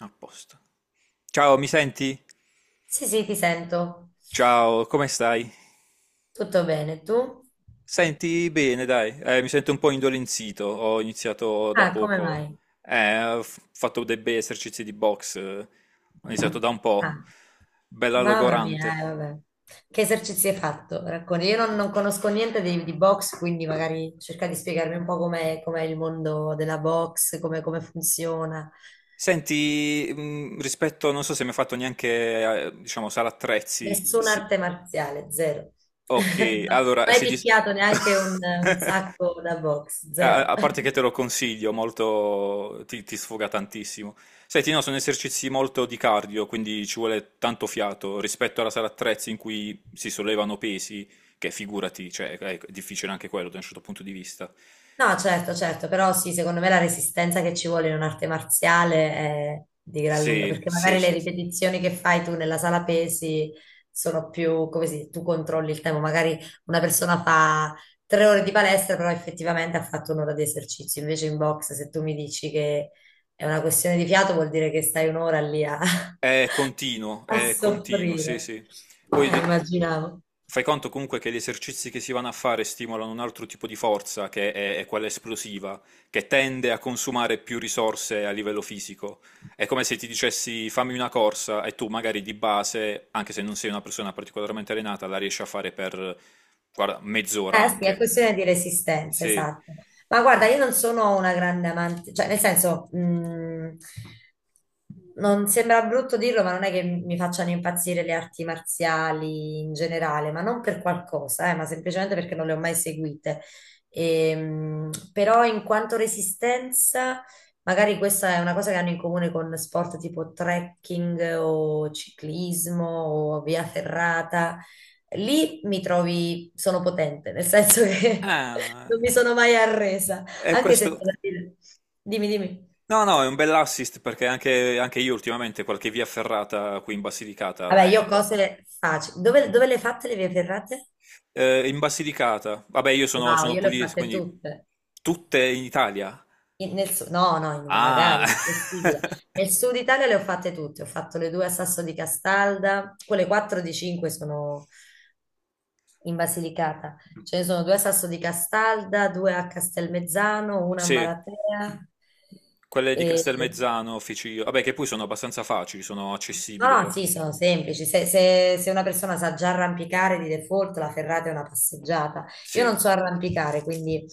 A posto. Ciao, mi senti? Sì, sì, ti sento. Ciao, come stai? Tutto bene, tu? Senti bene, dai. Mi sento un po' indolenzito. Ho iniziato da Ah, come poco. mai? Ho fatto dei bei esercizi di box. Ho iniziato da un Ah, po'. Bella mamma logorante. mia, vabbè. Che esercizi hai fatto? Racconti. Io non conosco niente di box, quindi magari cerca di spiegarmi un po' com'è il mondo della box, come funziona. Senti, rispetto, non so se mi hai fatto neanche, diciamo, sala attrezzi. Nessuna Sì. arte marziale, zero. Ok, allora Mai si dis... picchiato neanche un sacco da box, A zero. a parte che te lo consiglio, molto... ti sfoga tantissimo. Senti, no, sono esercizi molto di cardio, quindi ci vuole tanto fiato rispetto alla sala attrezzi in cui si sollevano pesi, che figurati, cioè, è difficile anche quello da un certo punto di vista. No, certo, certo, però sì, secondo me la resistenza che ci vuole in un'arte marziale è di gran lunga, Sì, perché sì, magari le sì, sì. ripetizioni che fai tu nella sala pesi sono più, come si dice, tu controlli il tempo, magari una persona fa 3 ore di palestra, però effettivamente ha fatto un'ora di esercizio, invece in box se tu mi dici che è una questione di fiato vuol dire che stai un'ora lì a, a È continuo, sì, soffrire, sì. Poi de- immaginavo. fai conto comunque che gli esercizi che si vanno a fare stimolano un altro tipo di forza, che è quella esplosiva, che tende a consumare più risorse a livello fisico. È come se ti dicessi fammi una corsa e tu magari di base, anche se non sei una persona particolarmente allenata, la riesci a fare per, guarda, mezz'ora Eh sì, è anche. questione di resistenza, Sì. esatto. Ma guarda, io non sono una grande amante, cioè nel senso, non sembra brutto dirlo, ma non è che mi facciano impazzire le arti marziali in generale, ma non per qualcosa, ma semplicemente perché non le ho mai seguite. E, però in quanto resistenza, magari questa è una cosa che hanno in comune con sport tipo trekking o ciclismo o via ferrata. Lì mi trovi, sono potente, nel senso che Ah, non mi sono mai arresa, è anche se, c'è questo. da dire- Dimmi, dimmi. No, no, è un bell'assist perché anche, anche io ultimamente qualche via ferrata qui in Vabbè, Basilicata. io ho cose facili. Dove le hai fatte le vie ferrate? In Basilicata, vabbè, Wow, sono io le ho pugliese, fatte quindi tutte. tutte in Italia. In- nel su- no, no, in- magari, Ah, impossibile. Nel sud Italia le ho fatte tutte. Ho fatto le due a Sasso di Castalda, quelle 4 di 5 sono in Basilicata. Ce ne sono due a Sasso di Castalda, due a Castelmezzano, una a sì, Maratea. quelle di E Castelmezzano, Ficino, vabbè, che poi sono abbastanza facili, sono No, accessibili alla no, sì, fin sono fine. semplici. Se una persona sa già arrampicare di default, la ferrata è una passeggiata. Io non Sì. so arrampicare, quindi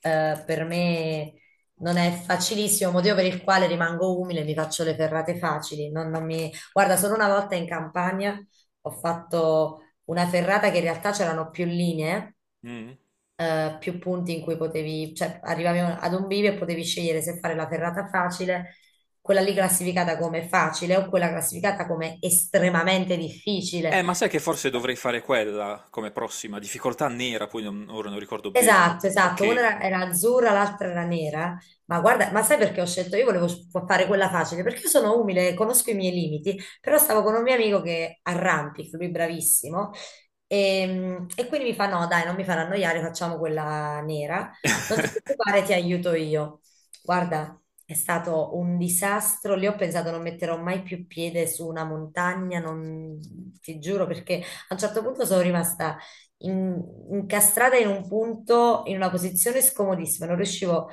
per me non è facilissimo, motivo per il quale rimango umile, mi faccio le ferrate facili. Non- non mi- Guarda, solo una volta in campagna ho fatto una ferrata che in realtà c'erano più linee, Mm. Più punti in cui potevi, cioè arrivavi ad un bivio e potevi scegliere se fare la ferrata facile, quella lì classificata come facile o quella classificata come estremamente difficile. Ma sai che forse dovrei fare quella come prossima? Difficoltà nera, poi ora non ricordo bene. Esatto, esatto, una Ok. era azzurra, l'altra era nera, ma guarda, ma sai perché ho scelto? Io volevo fare quella facile, perché io sono umile, conosco i miei limiti, però stavo con un mio amico che arrampica, lui bravissimo, e quindi mi fa no, dai, non mi farà annoiare, facciamo quella nera, non ti preoccupare, ti aiuto io. Guarda, è stato un disastro, lì ho pensato non metterò mai più piede su una montagna, non ti giuro, perché a un certo punto sono rimasta in- incastrata in un punto, in una posizione scomodissima, non riuscivo,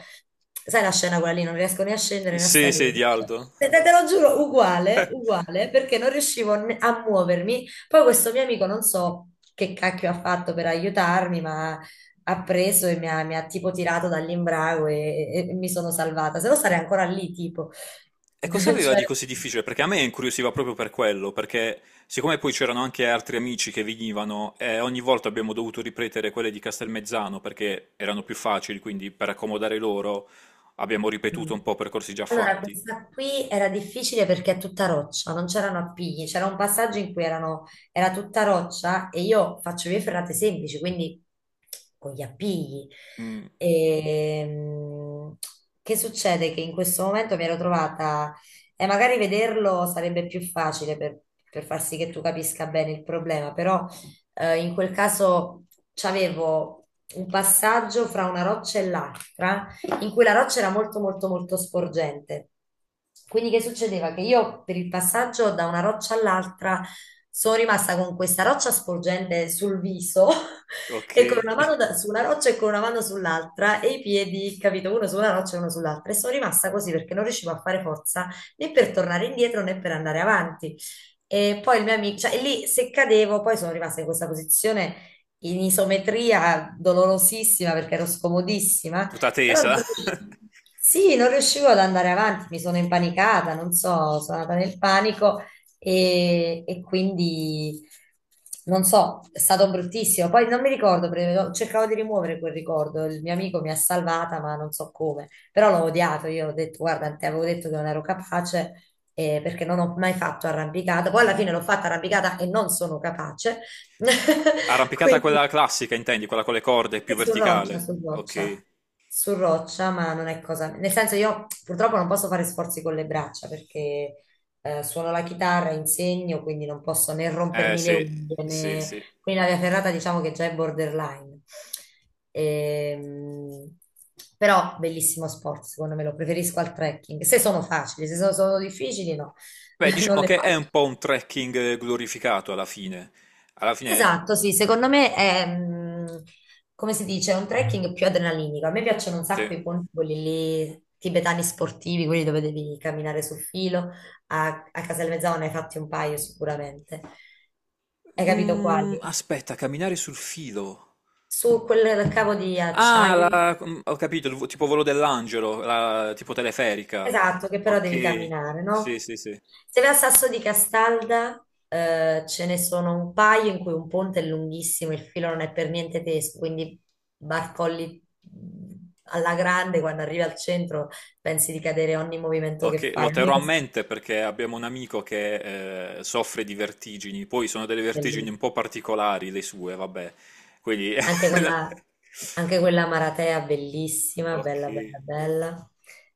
sai la scena quella lì, non riesco né a scendere né a Sì, sì, salire. di Aldo. Te lo giuro, uguale, uguale, perché non riuscivo a muovermi. Poi questo mio amico, non so che cacchio ha fatto per aiutarmi, ma ha preso e mi ha tipo tirato dall'imbrago e mi sono salvata, se no sarei ancora lì, tipo. E cosa aveva di Cioè. così difficile? Perché a me incuriosiva proprio per quello, perché siccome poi c'erano anche altri amici che venivano, e ogni volta abbiamo dovuto ripetere quelle di Castelmezzano perché erano più facili, quindi per accomodare loro abbiamo Mm. ripetuto un po' percorsi già Allora, fatti. questa qui era difficile perché è tutta roccia, non c'erano appigli, c'era un passaggio in cui era tutta roccia e io faccio vie ferrate semplici, quindi con gli appigli. Mm, Ehm, che succede? Che in questo momento mi ero trovata, e magari vederlo sarebbe più facile per far sì che tu capisca bene il problema, però in quel caso c'avevo un passaggio fra una roccia e l'altra in cui la roccia era molto molto molto sporgente. Quindi che succedeva? Che io per il passaggio da una roccia all'altra sono rimasta con questa roccia sporgente sul viso ok. e con una mano su una roccia e con una mano sull'altra e i piedi, capito, uno su una roccia e uno sull'altra. E sono rimasta così perché non riuscivo a fare forza né per tornare indietro né per andare avanti. E poi il mio amico, cioè lì se cadevo, poi sono rimasta in questa posizione in isometria dolorosissima perché ero scomodissima, Tutta però tesa. non riuscivo, sì, non riuscivo ad andare avanti, mi sono impanicata, non so, sono andata nel panico e quindi non so, è stato bruttissimo. Poi non mi ricordo, perché cercavo di rimuovere quel ricordo, il mio amico mi ha salvata, ma non so come, però l'ho odiato, io ho detto, guarda, ti avevo detto che non ero capace. Perché non ho mai fatto arrampicata, poi alla Mm. fine l'ho fatta arrampicata e non sono capace, Arrampicata quindi quella classica, intendi? Quella con le corde, più sì, su roccia, verticale. su Ok. roccia, su roccia, ma non è cosa. Nel senso, io purtroppo non posso fare sforzi con le braccia perché suono la chitarra, insegno, quindi non posso né Eh rompermi le sì, unghie sì, né. sì. Quindi la via ferrata diciamo che già è borderline. Ehm, Però bellissimo sport, secondo me lo preferisco al trekking. Se sono facili, se sono difficili, no, Beh, non diciamo le che è un faccio. po' un trekking glorificato alla fine. Alla fine, Esatto, sì, secondo me come si dice, è un trekking più adrenalinico. A me piacciono un sì. sacco i ponti, quelli lì, tibetani sportivi, quelli dove devi camminare sul filo. A Casal ne hai fatti un paio sicuramente. Hai capito Mm, quali? aspetta, camminare sul filo. Su quel cavo di Ah, acciaio. Ho capito, il tipo volo dell'angelo, tipo teleferica. Esatto, che però devi Ok, camminare, sì, no? sì, sì. Se vai a Sasso di Castalda, ce ne sono un paio in cui un ponte è lunghissimo, il filo non è per niente teso, quindi barcolli, alla grande. Quando arrivi al centro pensi di cadere ogni movimento che Ok, fai, lo ogni terrò a cosa è mente perché abbiamo un amico che soffre di vertigini, poi sono delle vertigini un bellissima. po' particolari le sue, vabbè. Quindi... Anche quella, anche quella Maratea bellissima, Ok. bella, bella, bella.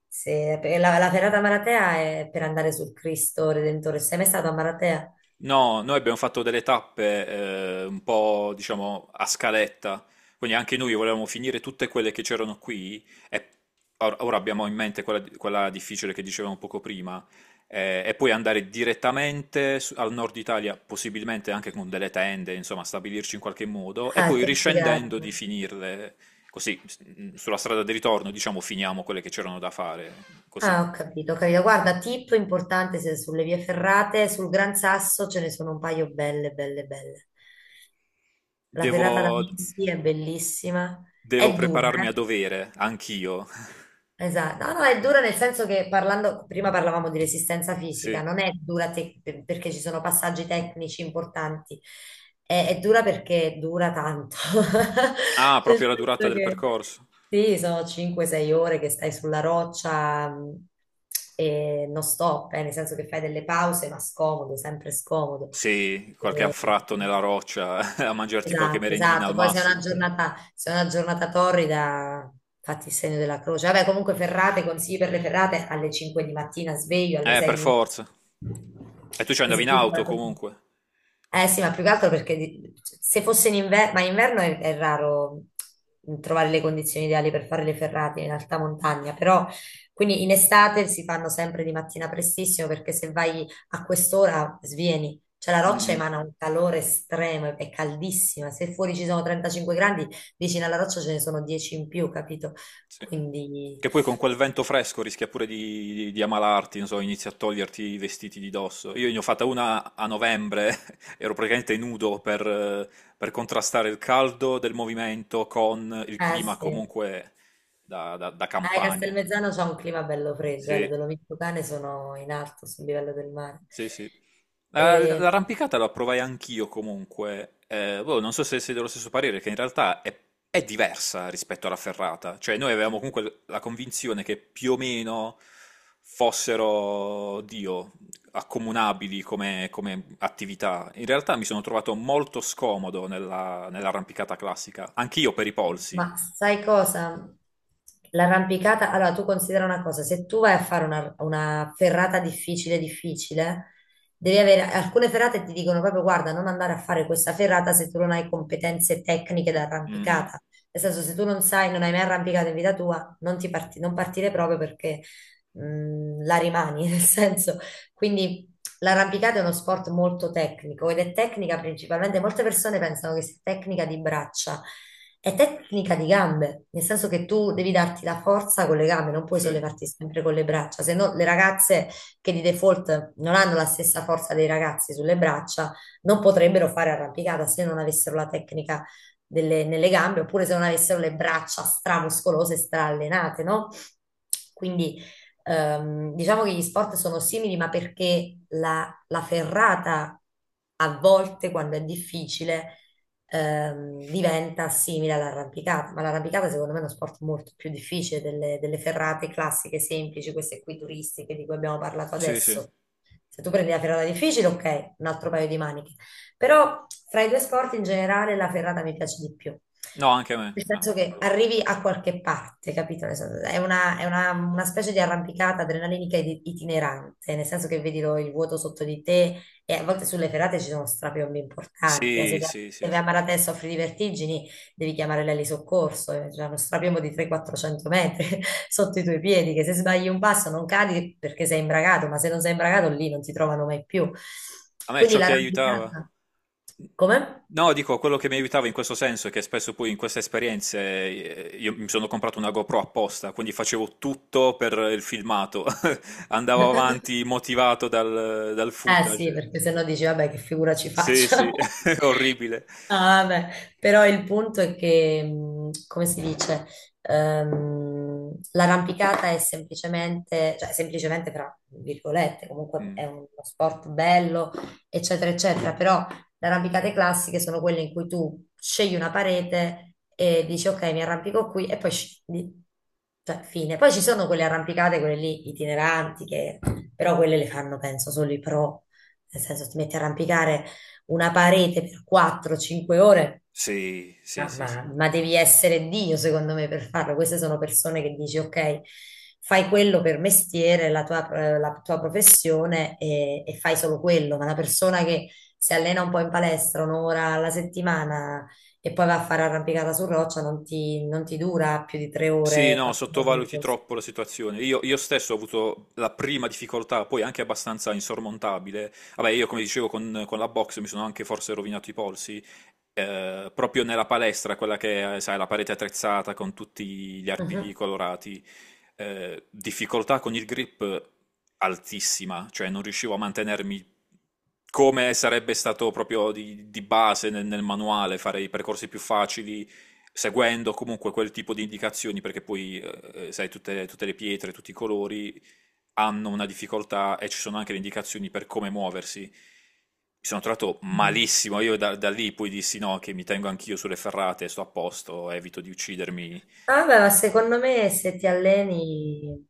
Perché la ferrata Maratea è per andare sul Cristo Redentore. Sei mai stato a Maratea? No, noi abbiamo fatto delle tappe un po', diciamo, a scaletta, quindi anche noi volevamo finire tutte quelle che c'erano qui e ora abbiamo in mente quella, quella difficile che dicevamo poco prima e poi andare direttamente al nord Italia, possibilmente anche con delle tende, insomma, stabilirci in qualche modo e Ah, poi che riscendendo di figata! finirle così, sulla strada di ritorno, diciamo, finiamo quelle che c'erano da fare, così. Ah, ho capito, ho capito. Guarda, tip importante se sulle vie ferrate, sul Gran Sasso ce ne sono un paio belle, belle, belle. La ferrata da Devo, Messi è bellissima, devo è dura, prepararmi a eh? dovere, anch'io. Esatto, no, no, è dura nel senso che parlando, prima parlavamo di resistenza Sì. fisica, non è dura perché ci sono passaggi tecnici importanti, è dura perché dura tanto, Ah, nel proprio la durata senso del che percorso. sì, sono 5-6 ore che stai sulla roccia, e non stop, nel senso che fai delle pause, ma scomodo, sempre scomodo. Sì, qualche E- anfratto mm, nella roccia a mangiarti qualche Esatto, merendina al esatto. Poi massimo. Se è una giornata torrida, fatti il segno della croce. Vabbè, comunque ferrate, consigli per le ferrate alle 5 di mattina, sveglio, alle Per 6 inizio. forza. E tu ci Sì, andavi sì, in sì, auto guarda. comunque. Eh sì, ma più che altro perché se fosse in inverno, ma in inverno è raro trovare le condizioni ideali per fare le ferrate in alta montagna, però quindi in estate si fanno sempre di mattina prestissimo perché se vai a quest'ora svieni, cioè la roccia Mm, emana un calore estremo, è caldissima. Se fuori ci sono 35 gradi, vicino alla roccia ce ne sono 10 in più, capito? sì. Quindi, Che poi con quel vento fresco rischia pure di, di ammalarti, non so, inizi a toglierti i vestiti di dosso. Io ne ho fatta una a novembre, ero praticamente nudo per contrastare il caldo del movimento con il eh clima sì. comunque da, da campagna. Castelmezzano c'ha un clima bello freddo, le Sì. Dolomiti Lucane sono in alto sul livello del mare. Sì, sì. E- L'arrampicata la provai anch'io comunque. Boh, non so se sei dello stesso parere, che in realtà è diversa rispetto alla ferrata. Cioè, noi avevamo comunque la convinzione che più o meno fossero, Dio, accomunabili come, come attività. In realtà mi sono trovato molto scomodo nella, nell'arrampicata classica, anch'io per i polsi. Ma sai cosa? L'arrampicata, allora tu considera una cosa, se tu vai a fare una ferrata difficile, difficile, devi avere alcune ferrate ti dicono proprio guarda, non andare a fare questa ferrata se tu non hai competenze tecniche da Mm, mm. arrampicata. Nel senso, se tu non sai, non hai mai arrampicato in vita tua, non partire proprio perché la rimani, nel senso. Quindi, l'arrampicata è uno sport molto tecnico ed è tecnica principalmente, molte persone pensano che sia tecnica di braccia, è tecnica di gambe, nel senso che tu devi darti la forza con le gambe, non puoi Sì, sollevarti sempre con le braccia, se no le ragazze che di default non hanno la stessa forza dei ragazzi sulle braccia non potrebbero fare arrampicata se non avessero la tecnica nelle gambe oppure se non avessero le braccia stramuscolose, straallenate, no? Quindi, diciamo che gli sport sono simili, ma perché la ferrata a volte, quando è difficile, diventa simile all'arrampicata. Ma l'arrampicata, secondo me, è uno sport molto più difficile delle ferrate classiche, semplici, queste qui turistiche di cui abbiamo parlato sì, sì. adesso. Se tu prendi la ferrata difficile, ok, un altro paio di maniche. Però fra i due sport in generale la ferrata mi piace di più. No, anche a me. Nel senso Ma che quello sì. arrivi a qualche parte, capito? Nel senso, una specie di arrampicata adrenalinica ed itinerante, nel senso che vedi il vuoto sotto di te e a volte sulle ferrate ci sono strapiombi importanti. Se Sì, vai sì, sì, se vai a sì. Maratè soffri di vertigini, devi chiamare l'eli soccorso, c'è uno strapiombo di 300-400 metri sotto i tuoi piedi, che se sbagli un passo non cadi perché sei imbragato, ma se non sei imbragato lì non ti trovano mai più. A me Quindi ciò che aiutava? l'arrampicata. Come? No, dico, quello che mi aiutava in questo senso è che spesso poi in queste esperienze io mi sono comprato una GoPro apposta, quindi facevo tutto per il filmato, andavo avanti motivato dal, dal Eh sì, footage. perché sennò dici, vabbè, che figura ci Sì, faccio? sì, orribile. Ah, vabbè. Però il punto è che, come si dice, l'arrampicata è semplicemente, cioè semplicemente fra virgolette, comunque Mm. è uno sport bello, eccetera, eccetera, però le arrampicate classiche sono quelle in cui tu scegli una parete e dici ok, mi arrampico qui e poi scendi. Cioè, fine. Poi ci sono quelle arrampicate, quelle lì itineranti, che però quelle le fanno, penso, solo i pro. Nel senso, ti metti a arrampicare una parete per 4-5 ore, Sì, sì, ma, sì, sì. ma- ma devi essere Dio, secondo me, per farlo. Queste sono persone che dici, ok, fai quello per mestiere, la tua professione e fai solo quello. Ma una persona che si allena un po' in palestra un'ora alla settimana e poi va a fare arrampicata su roccia non ti dura più di tre Sì, ore, no, 4 ore. sottovaluti Così. troppo la situazione. Io stesso ho avuto la prima difficoltà, poi anche abbastanza insormontabile. Vabbè, io come dicevo con la box mi sono anche forse rovinato i polsi, proprio nella palestra, quella che è, sai, la parete attrezzata con tutti gli arpigli colorati. Difficoltà con il grip altissima, cioè non riuscivo a mantenermi come sarebbe stato proprio di base nel, nel manuale, fare i percorsi più facili seguendo comunque quel tipo di indicazioni, perché poi, sai, tutte, tutte le pietre, tutti i colori hanno una difficoltà e ci sono anche le indicazioni per come muoversi. Mi sono trovato Mhm. malissimo, io da, da lì poi dissi no, che mi tengo anch'io sulle ferrate, sto a posto, evito di uccidermi. Ah, beh, ma secondo me se ti alleni,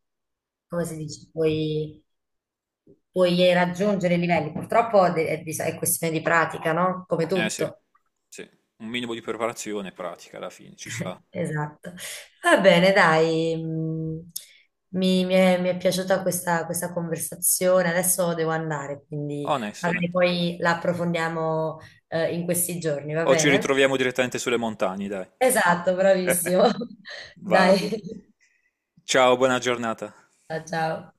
come si dice, puoi raggiungere i livelli. Purtroppo è questione di pratica, no? Come Eh sì, tutto. sì, un minimo di preparazione pratica alla fine, ci sta. Esatto. Va bene, dai. Mi è piaciuta questa conversazione. Adesso devo andare, quindi Onesto, onesto. magari poi la approfondiamo, in questi giorni, va O ci bene? ritroviamo direttamente sulle montagne, dai. Esatto, bravissimo. Va Dai, bene. Ciao, buona giornata. Ciao. Ciao.